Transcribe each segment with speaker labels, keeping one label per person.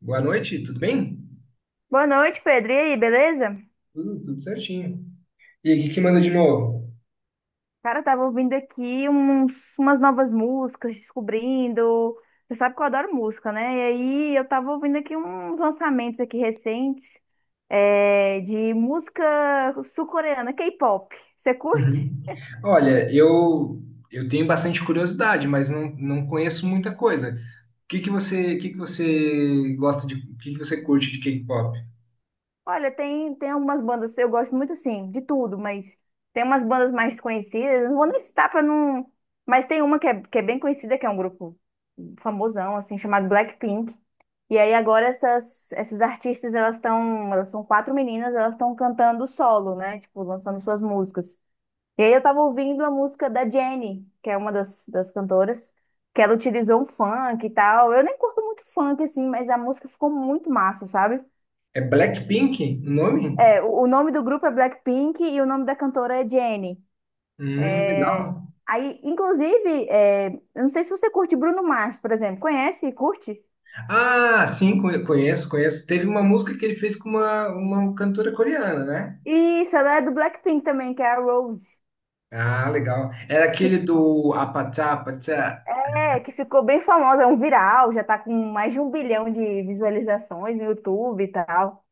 Speaker 1: Boa noite, tudo bem?
Speaker 2: Boa noite, Pedro. E aí, beleza?
Speaker 1: Tudo certinho. E aí, o que que manda de novo?
Speaker 2: Cara, eu tava ouvindo aqui umas novas músicas, descobrindo. Você sabe que eu adoro música, né? E aí eu tava ouvindo aqui uns lançamentos aqui recentes, de música sul-coreana, K-pop. Você curte?
Speaker 1: Uhum. Olha, eu tenho bastante curiosidade, mas não conheço muita coisa. O que que você curte de K-pop?
Speaker 2: Olha, tem algumas bandas, eu gosto muito assim, de tudo, mas tem umas bandas mais conhecidas, não vou nem citar pra não. Mas tem uma que é bem conhecida, que é um grupo famosão, assim, chamado Blackpink. E aí agora essas artistas, elas são quatro meninas, elas estão cantando solo, né? Tipo, lançando suas músicas. E aí eu tava ouvindo a música da Jennie, que é uma das cantoras, que ela utilizou um funk e tal. Eu nem curto muito funk, assim, mas a música ficou muito massa, sabe?
Speaker 1: É Blackpink o nome?
Speaker 2: É, o nome do grupo é Blackpink e o nome da cantora é Jennie. É,
Speaker 1: Legal.
Speaker 2: aí, inclusive, eu não sei se você curte Bruno Mars, por exemplo. Conhece e curte?
Speaker 1: Ah, sim, conheço, conheço. Teve uma música que ele fez com uma cantora coreana, né?
Speaker 2: Isso, ela é do Blackpink também, que é a Rose.
Speaker 1: Ah, legal. Era
Speaker 2: Que
Speaker 1: aquele
Speaker 2: ficou,
Speaker 1: do Apatá, Apatá.
Speaker 2: que ficou bem famosa, é um viral, já tá com mais de 1 bilhão de visualizações no YouTube e tal.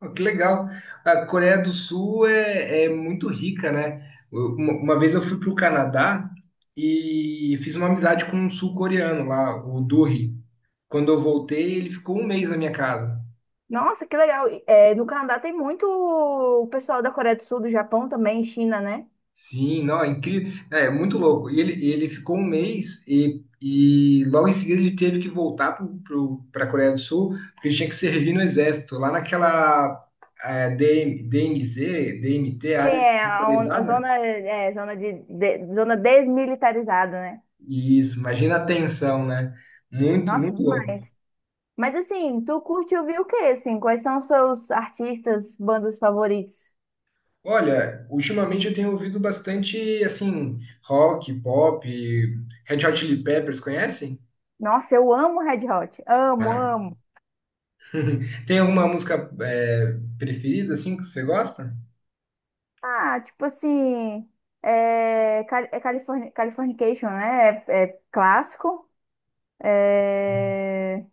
Speaker 1: Pô, que legal. A Coreia do Sul é muito rica, né? Uma vez eu fui para o Canadá e fiz uma amizade com um sul-coreano lá, o Duri. Quando eu voltei, ele ficou um mês na minha casa.
Speaker 2: Nossa, que legal. É, no Canadá tem muito o pessoal da Coreia do Sul, do Japão também, China, né?
Speaker 1: Sim, não, é incrível. É muito louco. E ele ficou um mês e logo em seguida ele teve que voltar para a Coreia do Sul, porque ele tinha que servir no exército, lá naquela DM, DMZ, DMT,
Speaker 2: Tem
Speaker 1: área
Speaker 2: a, a
Speaker 1: desmilitarizada.
Speaker 2: zona, zona, zona desmilitarizada, né?
Speaker 1: Isso, imagina a tensão, né? Muito,
Speaker 2: Nossa,
Speaker 1: muito louco.
Speaker 2: demais. Mas assim, tu curte ouvir o quê, assim? Quais são os seus artistas, bandas favoritos?
Speaker 1: Olha, ultimamente eu tenho ouvido bastante, assim, rock, pop, Red Hot Chili Peppers, conhece?
Speaker 2: Nossa, eu amo Red Hot. Amo,
Speaker 1: Ah.
Speaker 2: amo.
Speaker 1: Tem alguma música preferida, assim, que você gosta?
Speaker 2: Ah, tipo assim, Californication, né? É, é clássico. É.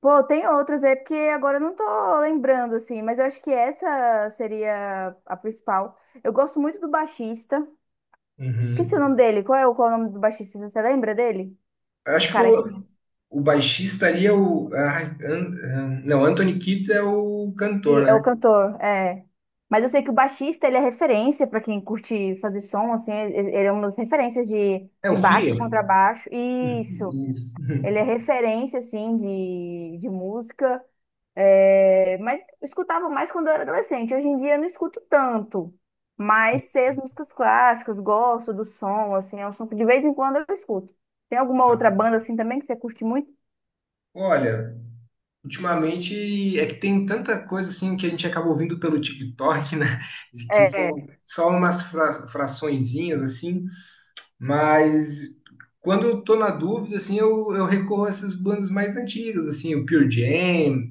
Speaker 2: Pô, tem outras, é porque agora eu não tô lembrando, assim, mas eu acho que essa seria a principal. Eu gosto muito do baixista. Esqueci o
Speaker 1: Uhum.
Speaker 2: nome dele. Qual é o nome do baixista? Você lembra dele?
Speaker 1: Eu
Speaker 2: O
Speaker 1: acho que
Speaker 2: cara que.
Speaker 1: o baixista ali é o, ai, ah, não, Anthony Kiedis é o cantor,
Speaker 2: E é o
Speaker 1: né?
Speaker 2: cantor, é. Mas eu sei que o baixista, ele é referência para quem curte fazer som, assim, ele é uma das referências de,
Speaker 1: É o
Speaker 2: de baixo,
Speaker 1: Flea?
Speaker 2: contrabaixo. Isso,
Speaker 1: Isso.
Speaker 2: ele é referência, assim, de música. É, mas eu escutava mais quando eu era adolescente. Hoje em dia eu não escuto tanto. Mas sei as músicas clássicas, gosto do som, assim, é um som que de vez em quando eu escuto. Tem alguma outra banda, assim, também que você curte muito?
Speaker 1: Olha, ultimamente é que tem tanta coisa assim que a gente acaba ouvindo pelo TikTok, né? De que são
Speaker 2: É,
Speaker 1: só umas fraçõezinhas assim, mas quando eu tô na dúvida, assim, eu recorro a essas bandas mais antigas, assim, o Pure Jam,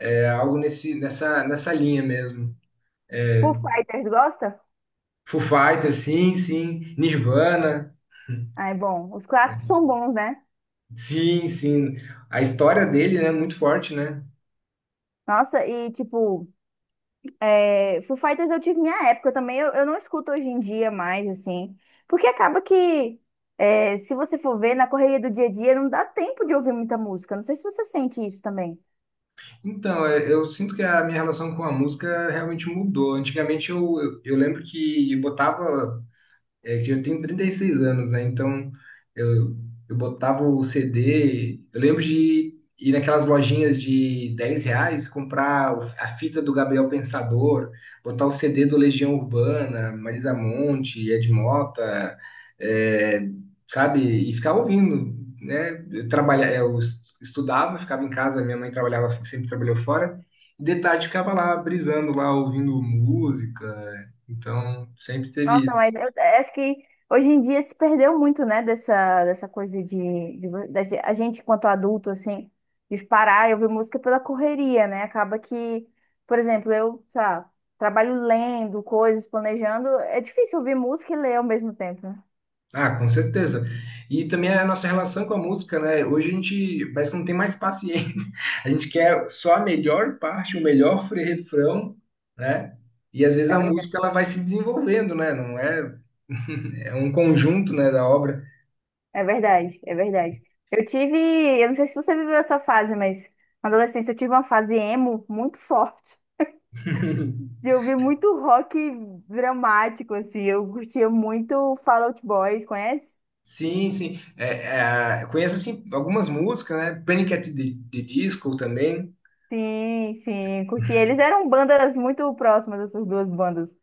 Speaker 1: algo nesse, nessa, nessa linha mesmo.
Speaker 2: Foo Fighters, gosta?
Speaker 1: Foo Fighters, sim, sim. Nirvana,
Speaker 2: Ah, é bom. Os clássicos
Speaker 1: né?
Speaker 2: são bons, né?
Speaker 1: Sim, sim. A história dele, né, é muito forte, né?
Speaker 2: Nossa, e tipo, Foo Fighters eu tive minha época também, eu não escuto hoje em dia mais, assim, porque acaba que, se você for ver, na correria do dia a dia não dá tempo de ouvir muita música, não sei se você sente isso também.
Speaker 1: Então, eu sinto que a minha relação com a música realmente mudou. Antigamente eu lembro que eu botava, é que eu tenho 36 anos, né? Então eu, eu botava o CD. Eu lembro de ir naquelas lojinhas de R$ 10, comprar a fita do Gabriel Pensador, botar o CD do Legião Urbana, Marisa Monte, Ed Mota, é, sabe? E ficar ouvindo, né? Eu trabalha, eu es- estudava, ficava em casa, minha mãe trabalhava, sempre trabalhou fora. E de tarde ficava lá, brisando lá, ouvindo música. Então sempre teve
Speaker 2: Nossa,
Speaker 1: isso.
Speaker 2: mas eu acho que hoje em dia se perdeu muito, né, dessa coisa de a gente enquanto adulto, assim, de parar e ouvir música pela correria, né, acaba que, por exemplo, eu, sei lá, trabalho lendo coisas, planejando, é difícil ouvir música e ler ao mesmo tempo, né?
Speaker 1: Ah, com certeza. E também a nossa relação com a música, né? Hoje a gente parece que não tem mais paciência. A gente quer só a melhor parte, o melhor refrão, né? E às vezes
Speaker 2: É
Speaker 1: a
Speaker 2: verdade,
Speaker 1: música ela vai se desenvolvendo, né? Não é, é um conjunto, né, da obra.
Speaker 2: é verdade, é verdade. Eu tive, eu não sei se você viveu essa fase, mas na adolescência eu tive uma fase emo muito forte. De ouvir muito rock dramático, assim. Eu curtia muito Fall Out Boys, conhece?
Speaker 1: Sim, sim. É, é, conheço assim algumas músicas, né? Panic at the Disco também.
Speaker 2: Sim, sim, curti. Eles eram bandas muito próximas, essas duas bandas.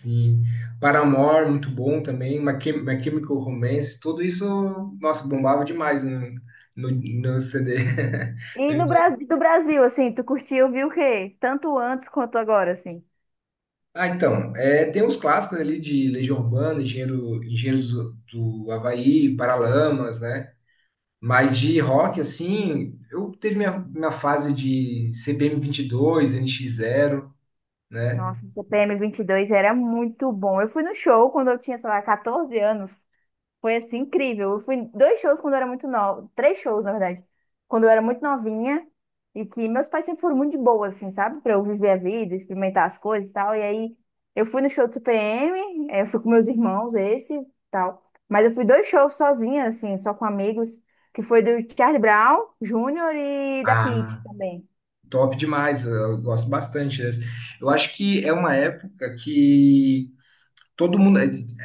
Speaker 1: Sim. Paramore, muito bom também. My Chemical Romance, tudo isso, nossa, bombava demais no CD.
Speaker 2: E no do Brasil, assim, tu curtiu, viu o quê? Tanto antes quanto agora, assim.
Speaker 1: Ah, então, tem uns clássicos ali de Legião Urbana, Engenheiros do Havaí, Paralamas, né? Mas de rock, assim, eu teve minha fase de CPM 22, NX 0, né?
Speaker 2: Nossa, o CPM 22 era muito bom. Eu fui no show quando eu tinha, sei lá, 14 anos. Foi assim incrível. Eu fui dois shows quando eu era muito nova, três shows, na verdade, quando eu era muito novinha e que meus pais sempre foram muito de boa, assim, sabe? Pra eu viver a vida, experimentar as coisas e tal. E aí eu fui no show do CPM, eu fui com meus irmãos, esse e tal. Mas eu fui dois shows sozinha, assim, só com amigos, que foi do Charlie Brown Júnior e da Pitty
Speaker 1: Ah,
Speaker 2: também.
Speaker 1: top demais, eu gosto bastante dessa. Eu acho que é uma época que todo mundo.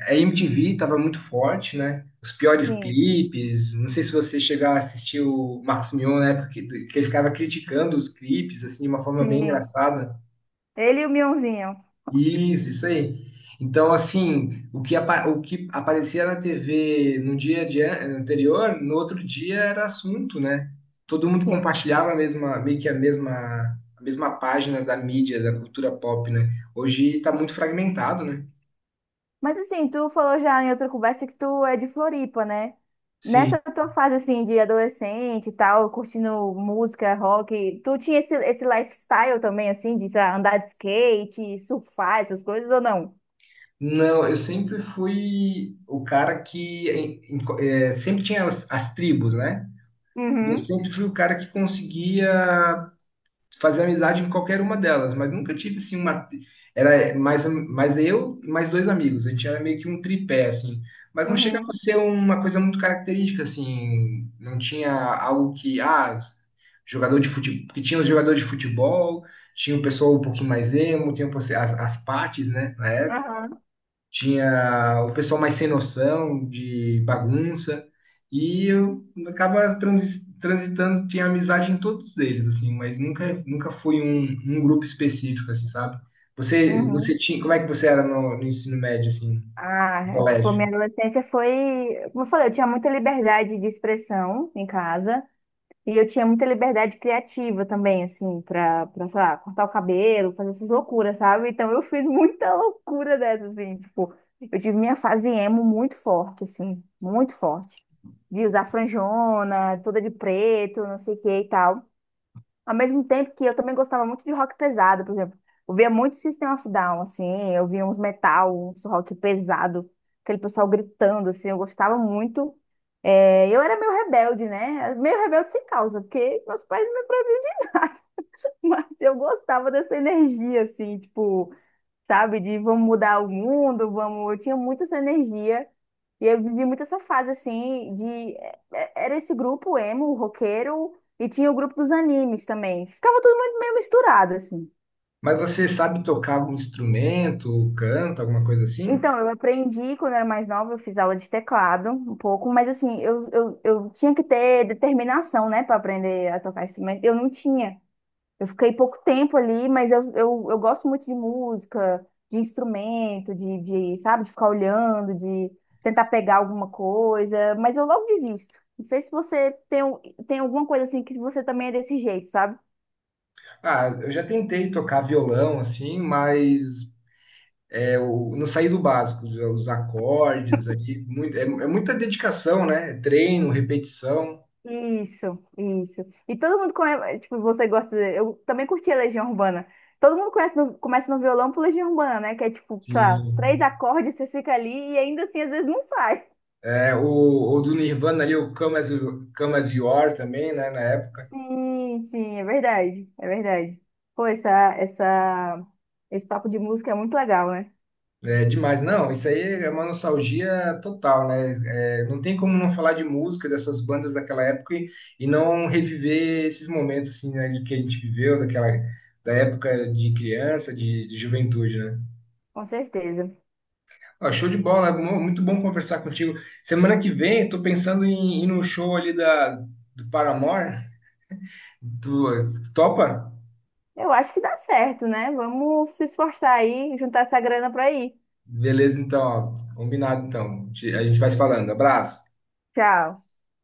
Speaker 1: A MTV estava muito forte, né? Os piores
Speaker 2: Sim,
Speaker 1: clipes. Não sei se você chegou a assistir o Marcos Mion na época que ele ficava criticando os clipes, assim, de uma forma bem
Speaker 2: sim.
Speaker 1: engraçada.
Speaker 2: Ele e o Mionzinho.
Speaker 1: Isso aí. Então, assim, o que aparecia na TV no dia de anterior, no outro dia era assunto, né? Todo mundo
Speaker 2: Sim.
Speaker 1: compartilhava a mesma, meio que a mesma página da mídia, da cultura pop, né? Hoje está muito fragmentado, né?
Speaker 2: Mas assim, tu falou já em outra conversa que tu é de Floripa, né? Nessa tua fase assim de adolescente e tal, curtindo música, rock, tu tinha esse lifestyle também assim de sei lá, andar de skate, surfar, essas coisas ou não?
Speaker 1: Não, eu sempre fui o cara que sempre tinha as tribos, né? Eu
Speaker 2: Uhum,
Speaker 1: sempre fui o cara que conseguia fazer amizade em qualquer uma delas, mas nunca tive assim uma. Era mais eu e mais dois amigos. A gente era meio que um tripé, assim. Mas não chegava a
Speaker 2: uhum,
Speaker 1: ser uma coisa muito característica, assim. Não tinha algo que. Ah, jogador de futebol. Porque tinha os jogadores de futebol, tinha o pessoal um pouquinho mais emo, tinha as partes, né? Na época
Speaker 2: aham,
Speaker 1: tinha o pessoal mais sem noção, de bagunça, e eu acaba transitando, tinha amizade em todos eles, assim, mas nunca foi um grupo específico, assim, sabe? Você
Speaker 2: uhum.
Speaker 1: como é que você era no ensino médio, assim,
Speaker 2: Ah,
Speaker 1: no
Speaker 2: é, tipo, minha
Speaker 1: colégio?
Speaker 2: adolescência foi, como eu falei, eu tinha muita liberdade de expressão em casa. E eu tinha muita liberdade criativa também, assim, pra, sei lá, cortar o cabelo, fazer essas loucuras, sabe? Então eu fiz muita loucura dessa, assim, tipo, eu tive minha fase emo muito forte, assim, muito forte. De usar franjona, toda de preto, não sei o que e tal. Ao mesmo tempo que eu também gostava muito de rock pesado, por exemplo. Eu via muito System of Down, assim, eu via uns metal, uns rock pesado, aquele pessoal gritando, assim, eu gostava muito. É, eu era meio rebelde, né? Meio rebelde sem causa, porque meus pais não me proibiam de nada, mas eu gostava dessa energia, assim, tipo, sabe, de vamos mudar o mundo, vamos. Eu tinha muito essa energia e eu vivi muito essa fase, assim, era esse grupo emo, roqueiro, e tinha o grupo dos animes também. Ficava tudo muito meio misturado, assim.
Speaker 1: Mas você sabe tocar algum instrumento, canto, alguma coisa assim?
Speaker 2: Então, eu aprendi quando eu era mais nova, eu fiz aula de teclado um pouco, mas assim, eu tinha que ter determinação, né, para aprender a tocar instrumento. Eu não tinha. Eu fiquei pouco tempo ali, mas eu gosto muito de música, de instrumento, de, sabe, de ficar olhando, de tentar pegar alguma coisa, mas eu logo desisto. Não sei se você tem, tem alguma coisa assim que você também é desse jeito, sabe?
Speaker 1: Ah, eu já tentei tocar violão, assim, mas não sair do básico, os acordes ali, muito, é muita dedicação, né? É treino, repetição.
Speaker 2: Isso, isso. E todo mundo conhece, tipo, você gosta, eu também curti a Legião Urbana. Todo mundo conhece começa no violão por Legião Urbana, né? Que é tipo, sei lá, três
Speaker 1: Sim.
Speaker 2: acordes, você fica ali e ainda assim às vezes não sai.
Speaker 1: É, o do Nirvana ali, o Come As You Are também, né? Na época.
Speaker 2: Sim, sim, é verdade, é verdade. Pô, essa, esse papo de música é muito legal, né?
Speaker 1: É demais. Não, isso aí é uma nostalgia total, né? É, não tem como não falar de música dessas bandas daquela época e não reviver esses momentos assim, né, de que a gente viveu, da época de criança, de juventude, né?
Speaker 2: Com certeza.
Speaker 1: Ah, show de bola, muito bom conversar contigo. Semana que vem, eu tô pensando em ir no show ali do Paramore. Tu topa?
Speaker 2: Eu acho que dá certo, né? Vamos se esforçar aí, juntar essa grana pra ir.
Speaker 1: Beleza, então, ó, combinado então. A gente vai se falando. Abraço.
Speaker 2: Tchau.